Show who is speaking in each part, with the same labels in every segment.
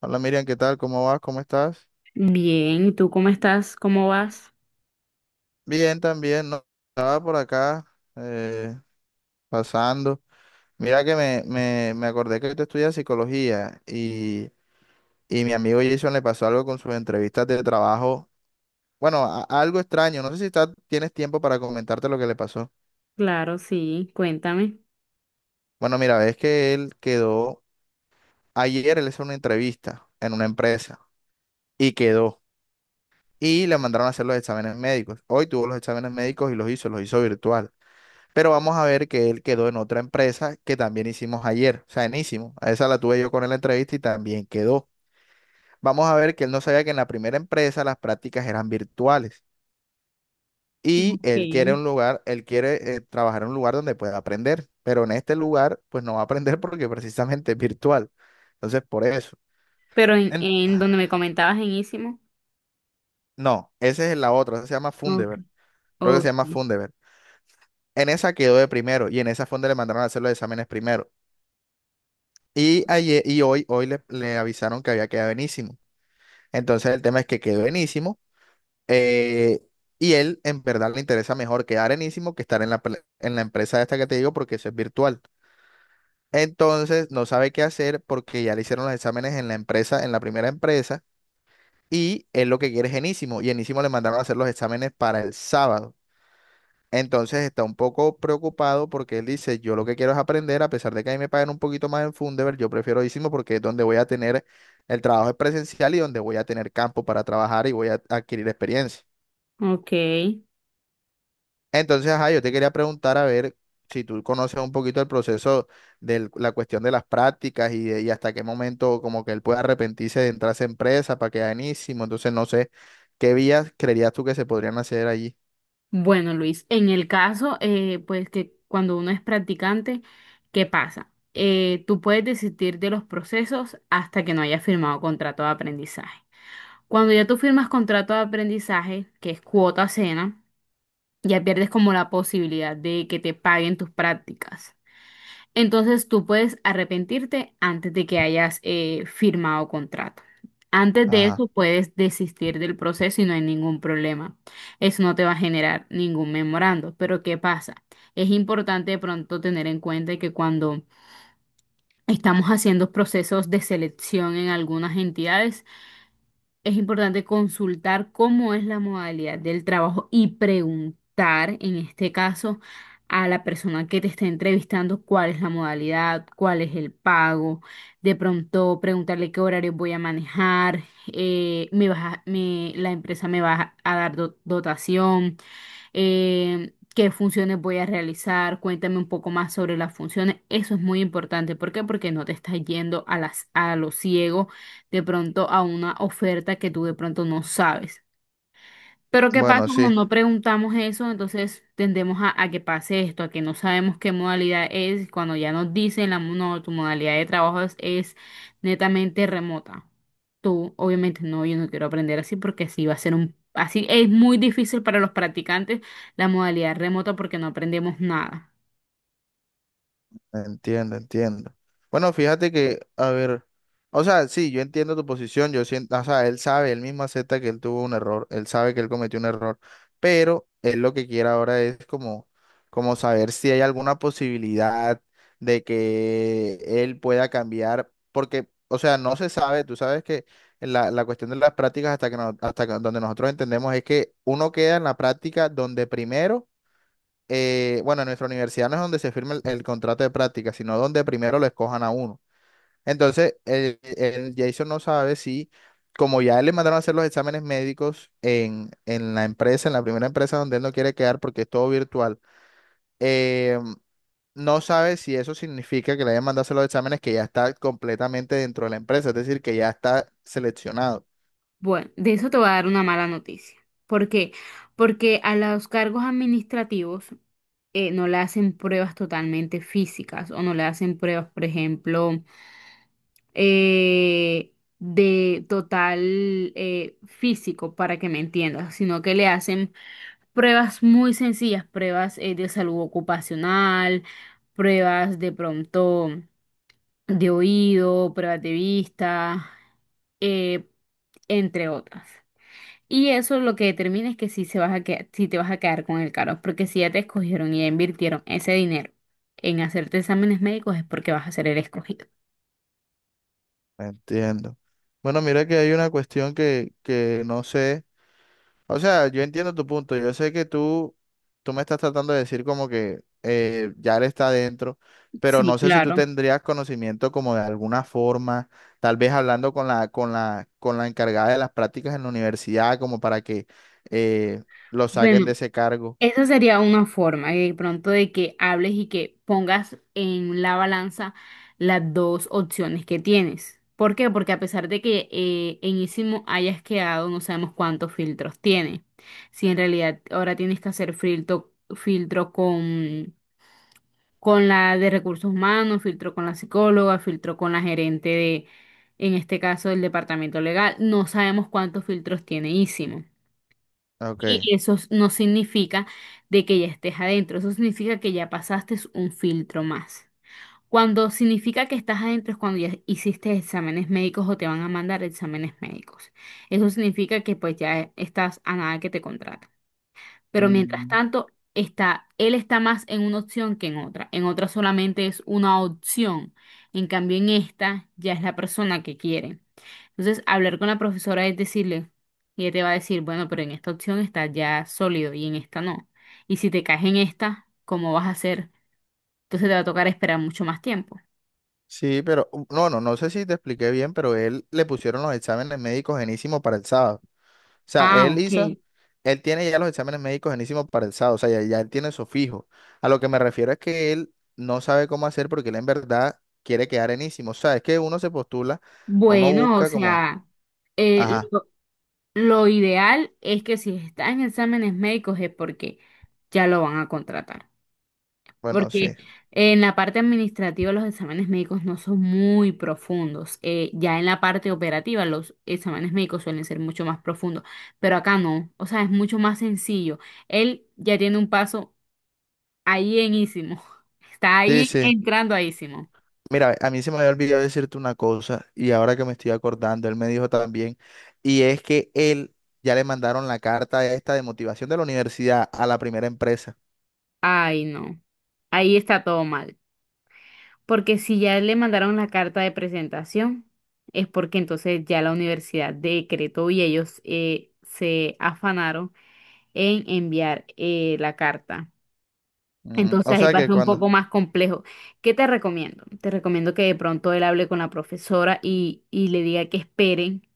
Speaker 1: Hola Miriam, ¿qué tal? ¿Cómo vas? ¿Cómo estás?
Speaker 2: Bien, ¿y tú cómo estás? ¿Cómo vas?
Speaker 1: Bien, también, ¿no? Estaba por acá eh, pasando. Mira que me acordé que tú estudias psicología y mi amigo Jason le pasó algo con sus entrevistas de trabajo. Bueno, algo extraño. No sé si tienes tiempo para comentarte lo que le pasó.
Speaker 2: Claro, sí, cuéntame.
Speaker 1: Bueno, mira, ves que él quedó, ayer él hizo una entrevista en una empresa y quedó. Y le mandaron a hacer los exámenes médicos. Hoy tuvo los exámenes médicos y los hizo virtual. Pero vamos a ver que él quedó en otra empresa que también hicimos ayer, o sea, en a esa la tuve yo con él en la entrevista y también quedó. Vamos a ver que él no sabía que en la primera empresa las prácticas eran virtuales y
Speaker 2: Ok.
Speaker 1: él quiere un lugar, él quiere trabajar en un lugar donde pueda aprender, pero en este lugar pues no va a aprender porque precisamente es virtual. Entonces, por eso.
Speaker 2: Pero en,
Speaker 1: En-
Speaker 2: en donde me comentabas en Ísimo.
Speaker 1: no, esa es la otra, esa se llama
Speaker 2: Ok,
Speaker 1: Fundeber. Creo que se
Speaker 2: ok,
Speaker 1: llama Fundeber. En esa quedó de primero y en esa fue donde le mandaron a hacer los exámenes primero. Y, ayer, y hoy, hoy le avisaron que había quedado enísimo. Entonces el tema es que quedó enísimo eh, y él en verdad le interesa mejor quedar enísimo que estar en la, en la empresa esta que te digo porque eso es virtual. Entonces no sabe qué hacer porque ya le hicieron los exámenes en la empresa, en la primera empresa y él lo que quiere es enísimo y enísimo le mandaron a hacer los exámenes para el sábado. Entonces está un poco preocupado porque él dice, yo lo que quiero es aprender, a pesar de que a mí me pagan un poquito más en Fundeber, yo prefiero Isimo porque es donde voy a tener, el trabajo es presencial y donde voy a tener campo para trabajar y voy a adquirir experiencia.
Speaker 2: ok.
Speaker 1: Entonces, ajá, yo te quería preguntar a ver si tú conoces un poquito el proceso de la cuestión de las prácticas y, y hasta qué momento como que él puede arrepentirse de entrar a esa empresa para quedar en Isimo. Entonces, no sé, ¿qué vías creerías tú que se podrían hacer allí?
Speaker 2: Bueno, Luis, en el caso, pues que cuando uno es practicante, ¿qué pasa? Tú puedes desistir de los procesos hasta que no hayas firmado contrato de aprendizaje. Cuando ya tú firmas contrato de aprendizaje, que es cuota cena, ya pierdes como la posibilidad de que te paguen tus prácticas. Entonces tú puedes arrepentirte antes de que hayas firmado contrato. Antes de
Speaker 1: Ajá.
Speaker 2: eso puedes desistir del proceso y no hay ningún problema. Eso no te va a generar ningún memorando. Pero ¿qué pasa? Es importante de pronto tener en cuenta que cuando estamos haciendo procesos de selección en algunas entidades, es importante consultar cómo es la modalidad del trabajo y preguntar, en este caso, a la persona que te está entrevistando cuál es la modalidad, cuál es el pago. De pronto preguntarle qué horario voy a manejar, me vas a- me- la empresa me va a dar dotación, qué funciones voy a realizar, cuéntame un poco más sobre las funciones. Eso es muy importante. ¿Por qué? Porque no te estás yendo a a lo ciego de pronto a una oferta que tú de pronto no sabes. Pero ¿qué pasa
Speaker 1: Bueno,
Speaker 2: cuando
Speaker 1: sí.
Speaker 2: no preguntamos eso? Entonces tendemos a que pase esto, a que no sabemos qué modalidad es, cuando ya nos dicen no, tu modalidad de trabajo es netamente remota. Tú, obviamente, no, yo no quiero aprender así porque así va a ser un, así es muy difícil para los practicantes la modalidad remota porque no aprendemos nada.
Speaker 1: Entiendo, entiendo. Bueno, fíjate que, a ver, o sea, sí, yo entiendo tu posición, yo siento, o sea, él sabe, él mismo acepta que él tuvo un error, él sabe que él cometió un error, pero él lo que quiere ahora es como, como saber si hay alguna posibilidad de que él pueda cambiar, porque, o sea, no se sabe, tú sabes que la cuestión de las prácticas hasta que no- donde nosotros entendemos es que uno queda en la práctica donde primero bueno, en nuestra universidad no es donde se firma el contrato de práctica, sino donde primero lo escojan a uno. Entonces, el Jason no sabe si, como ya él le mandaron a hacer los exámenes médicos en la empresa, en la primera empresa donde él no quiere quedar porque es todo virtual, eh, no sabe si eso significa que le hayan mandado a hacer los exámenes que ya está completamente dentro de la empresa, es decir, que ya está seleccionado.
Speaker 2: Bueno, de eso te voy a dar una mala noticia. ¿Por qué? Porque a los cargos administrativos, no le hacen pruebas totalmente físicas o no le hacen pruebas, por ejemplo, eh, de total físico, para que me entiendas, sino que le hacen pruebas muy sencillas, pruebas de salud ocupacional, pruebas de pronto de oído, pruebas de vista, eh, entre otras. Y eso lo que determina es que si, se vas a que si te vas a quedar con el carro, porque si ya te escogieron y ya invirtieron ese dinero en hacerte exámenes médicos es porque vas a ser el escogido.
Speaker 1: Entiendo. Bueno, mira que hay una cuestión que no sé. O sea, yo entiendo tu punto. Yo sé que tú me estás tratando de decir como que ya él está adentro, pero
Speaker 2: Sí,
Speaker 1: no sé si tú
Speaker 2: claro.
Speaker 1: tendrías conocimiento como de alguna forma, tal vez hablando con la, con la encargada de las prácticas en la universidad, como para que eh, lo saquen
Speaker 2: Bueno,
Speaker 1: de ese cargo.
Speaker 2: esa sería una forma de pronto de que hables y que pongas en la balanza las dos opciones que tienes. ¿Por qué? Porque a pesar de que en Isimo hayas quedado, no sabemos cuántos filtros tiene. Si en realidad ahora tienes que hacer filtro, con la de recursos humanos, filtró con la psicóloga, filtró con la gerente de, en este caso, del departamento legal. No sabemos cuántos filtros tiene Ísimo.
Speaker 1: Ok.
Speaker 2: Y eso no significa de que ya estés adentro, eso significa que ya pasaste un filtro más. Cuando significa que estás adentro es cuando ya hiciste exámenes médicos o te van a mandar exámenes médicos. Eso significa que pues ya estás a nada que te contraten. Pero mientras
Speaker 1: Mm,
Speaker 2: tanto, él está más en una opción que en otra. En otra solamente es una opción. En cambio, en esta ya es la persona que quiere. Entonces, hablar con la profesora es decirle, y ella te va a decir, bueno, pero en esta opción está ya sólido y en esta no. Y si te caes en esta, ¿cómo vas a hacer? Entonces te va a tocar esperar mucho más tiempo.
Speaker 1: sí, pero no, no, no sé si te expliqué bien, pero él le pusieron los exámenes médicos genísimos para el sábado. O sea,
Speaker 2: Ah,
Speaker 1: él hizo,
Speaker 2: ok.
Speaker 1: él tiene ya los exámenes médicos enísimos para el sábado, o sea, ya, ya él tiene eso fijo. A lo que me refiero es que él no sabe cómo hacer porque él en verdad quiere quedar enísimo. O sea, es que uno se postula, uno
Speaker 2: Bueno, o
Speaker 1: busca como,
Speaker 2: sea, eh,
Speaker 1: ajá,
Speaker 2: lo, lo ideal es que si está en exámenes médicos es porque ya lo van a contratar.
Speaker 1: bueno,
Speaker 2: Porque
Speaker 1: sí.
Speaker 2: en la parte administrativa los exámenes médicos no son muy profundos. Ya en la parte operativa los exámenes médicos suelen ser mucho más profundos, pero acá no. O sea, es mucho más sencillo. Él ya tiene un paso ahí en ísimo. Está
Speaker 1: Sí,
Speaker 2: ahí
Speaker 1: sí.
Speaker 2: entrando a ísimo.
Speaker 1: Mira, a mí se me había olvidado decirte una cosa y ahora que me estoy acordando, él me dijo también, y es que él ya le mandaron la carta esta de motivación de la universidad a la primera empresa.
Speaker 2: Ay, no. Ahí está todo mal. Porque si ya le mandaron la carta de presentación, es porque entonces ya la universidad decretó y ellos se afanaron en enviar, la carta.
Speaker 1: Mm,
Speaker 2: Entonces
Speaker 1: o
Speaker 2: ahí
Speaker 1: sea
Speaker 2: va a
Speaker 1: que
Speaker 2: ser un
Speaker 1: cuando,
Speaker 2: poco más complejo. ¿Qué te recomiendo? Te recomiendo que de pronto él hable con la profesora y le diga que esperen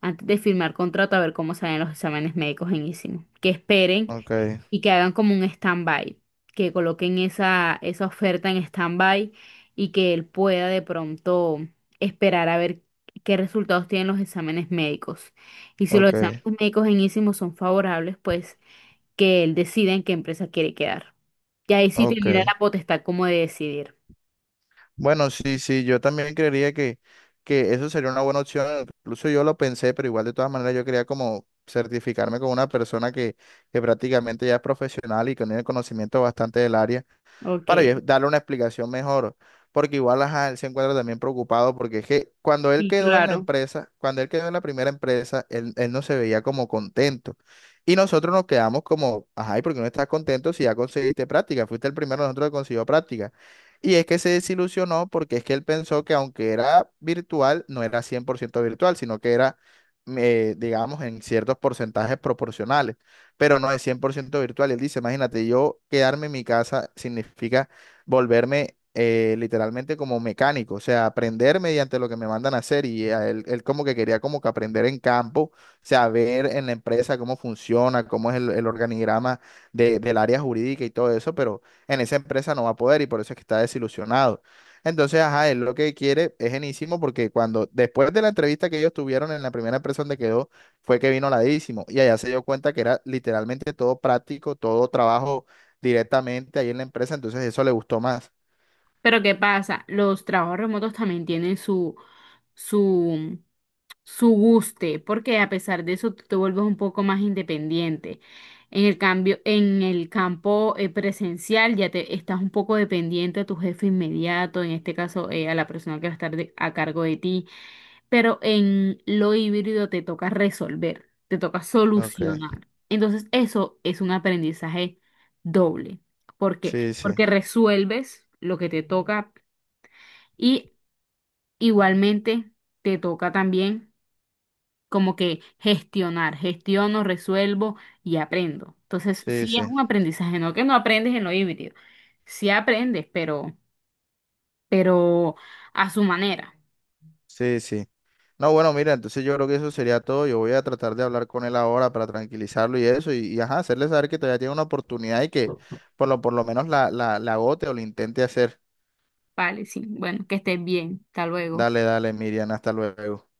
Speaker 2: antes de firmar contrato a ver cómo salen los exámenes médicos en ISIM. Que esperen
Speaker 1: ok,
Speaker 2: y que hagan como un stand-by, que coloquen esa oferta en stand-by y que él pueda de pronto esperar a ver qué resultados tienen los exámenes médicos. Y si los exámenes
Speaker 1: ok,
Speaker 2: médicos en ISIMO son favorables, pues que él decida en qué empresa quiere quedar. Y ahí sí tendría
Speaker 1: ok.
Speaker 2: la potestad como de decidir.
Speaker 1: Bueno, sí, sí, yo también creería que eso sería una buena opción. Incluso yo lo pensé, pero igual de todas maneras yo quería como certificarme con una persona que prácticamente ya es profesional y que tiene conocimiento bastante del área
Speaker 2: Ok,
Speaker 1: para yo darle una explicación mejor. Porque igual, ajá, él se encuentra también preocupado porque es que cuando él
Speaker 2: sí,
Speaker 1: quedó en la
Speaker 2: claro.
Speaker 1: empresa, cuando él quedó en la primera empresa, él no se veía como contento. Y nosotros nos quedamos como, ajá, ¿y por qué no estás contento si ya conseguiste práctica? Fuiste el primero de nosotros que consiguió práctica. Y es que se desilusionó porque es que él pensó que aunque era virtual, no era 100% virtual, sino que era, digamos, en ciertos porcentajes proporcionales pero no es 100% virtual. Y él dice, imagínate, yo quedarme en mi casa significa volverme literalmente como mecánico, o sea, aprender mediante lo que me mandan a hacer. Y a él, él como que quería como que aprender en campo, o sea, ver en la empresa cómo funciona, cómo es el organigrama del área jurídica y todo eso, pero en esa empresa no va a poder y por eso es que está desilusionado. Entonces, ajá, él lo que quiere es genísimo porque cuando después de la entrevista que ellos tuvieron en la primera empresa donde quedó, fue que vino ladísimo y allá se dio cuenta que era literalmente todo práctico, todo trabajo directamente ahí en la empresa, entonces eso le gustó más.
Speaker 2: Pero ¿qué pasa? Los trabajos remotos también tienen su, su guste, porque a pesar de eso tú te vuelves un poco más independiente. En el cambio, en el campo, presencial ya te estás un poco dependiente a tu jefe inmediato, en este caso, a la persona que va a estar a cargo de ti. Pero en lo híbrido te toca resolver, te toca
Speaker 1: Ok,
Speaker 2: solucionar. Entonces, eso es un aprendizaje doble. ¿Por qué?
Speaker 1: sí, sí,
Speaker 2: Porque resuelves lo que te toca y igualmente te toca también como que gestionar, gestiono, resuelvo y aprendo. Entonces,
Speaker 1: sí,
Speaker 2: sí es
Speaker 1: sí,
Speaker 2: un aprendizaje, no que no aprendes en lo híbrido, sí aprendes, pero a su manera.
Speaker 1: sí, sí. No, bueno, mira, entonces yo creo que eso sería todo. Yo voy a tratar de hablar con él ahora para tranquilizarlo y eso, y, ajá, hacerle saber que todavía tiene una oportunidad y que por lo menos la, la agote o lo intente hacer.
Speaker 2: Vale, sí. Bueno, que estés bien. Hasta luego.
Speaker 1: Dale, dale, Miriam, hasta luego.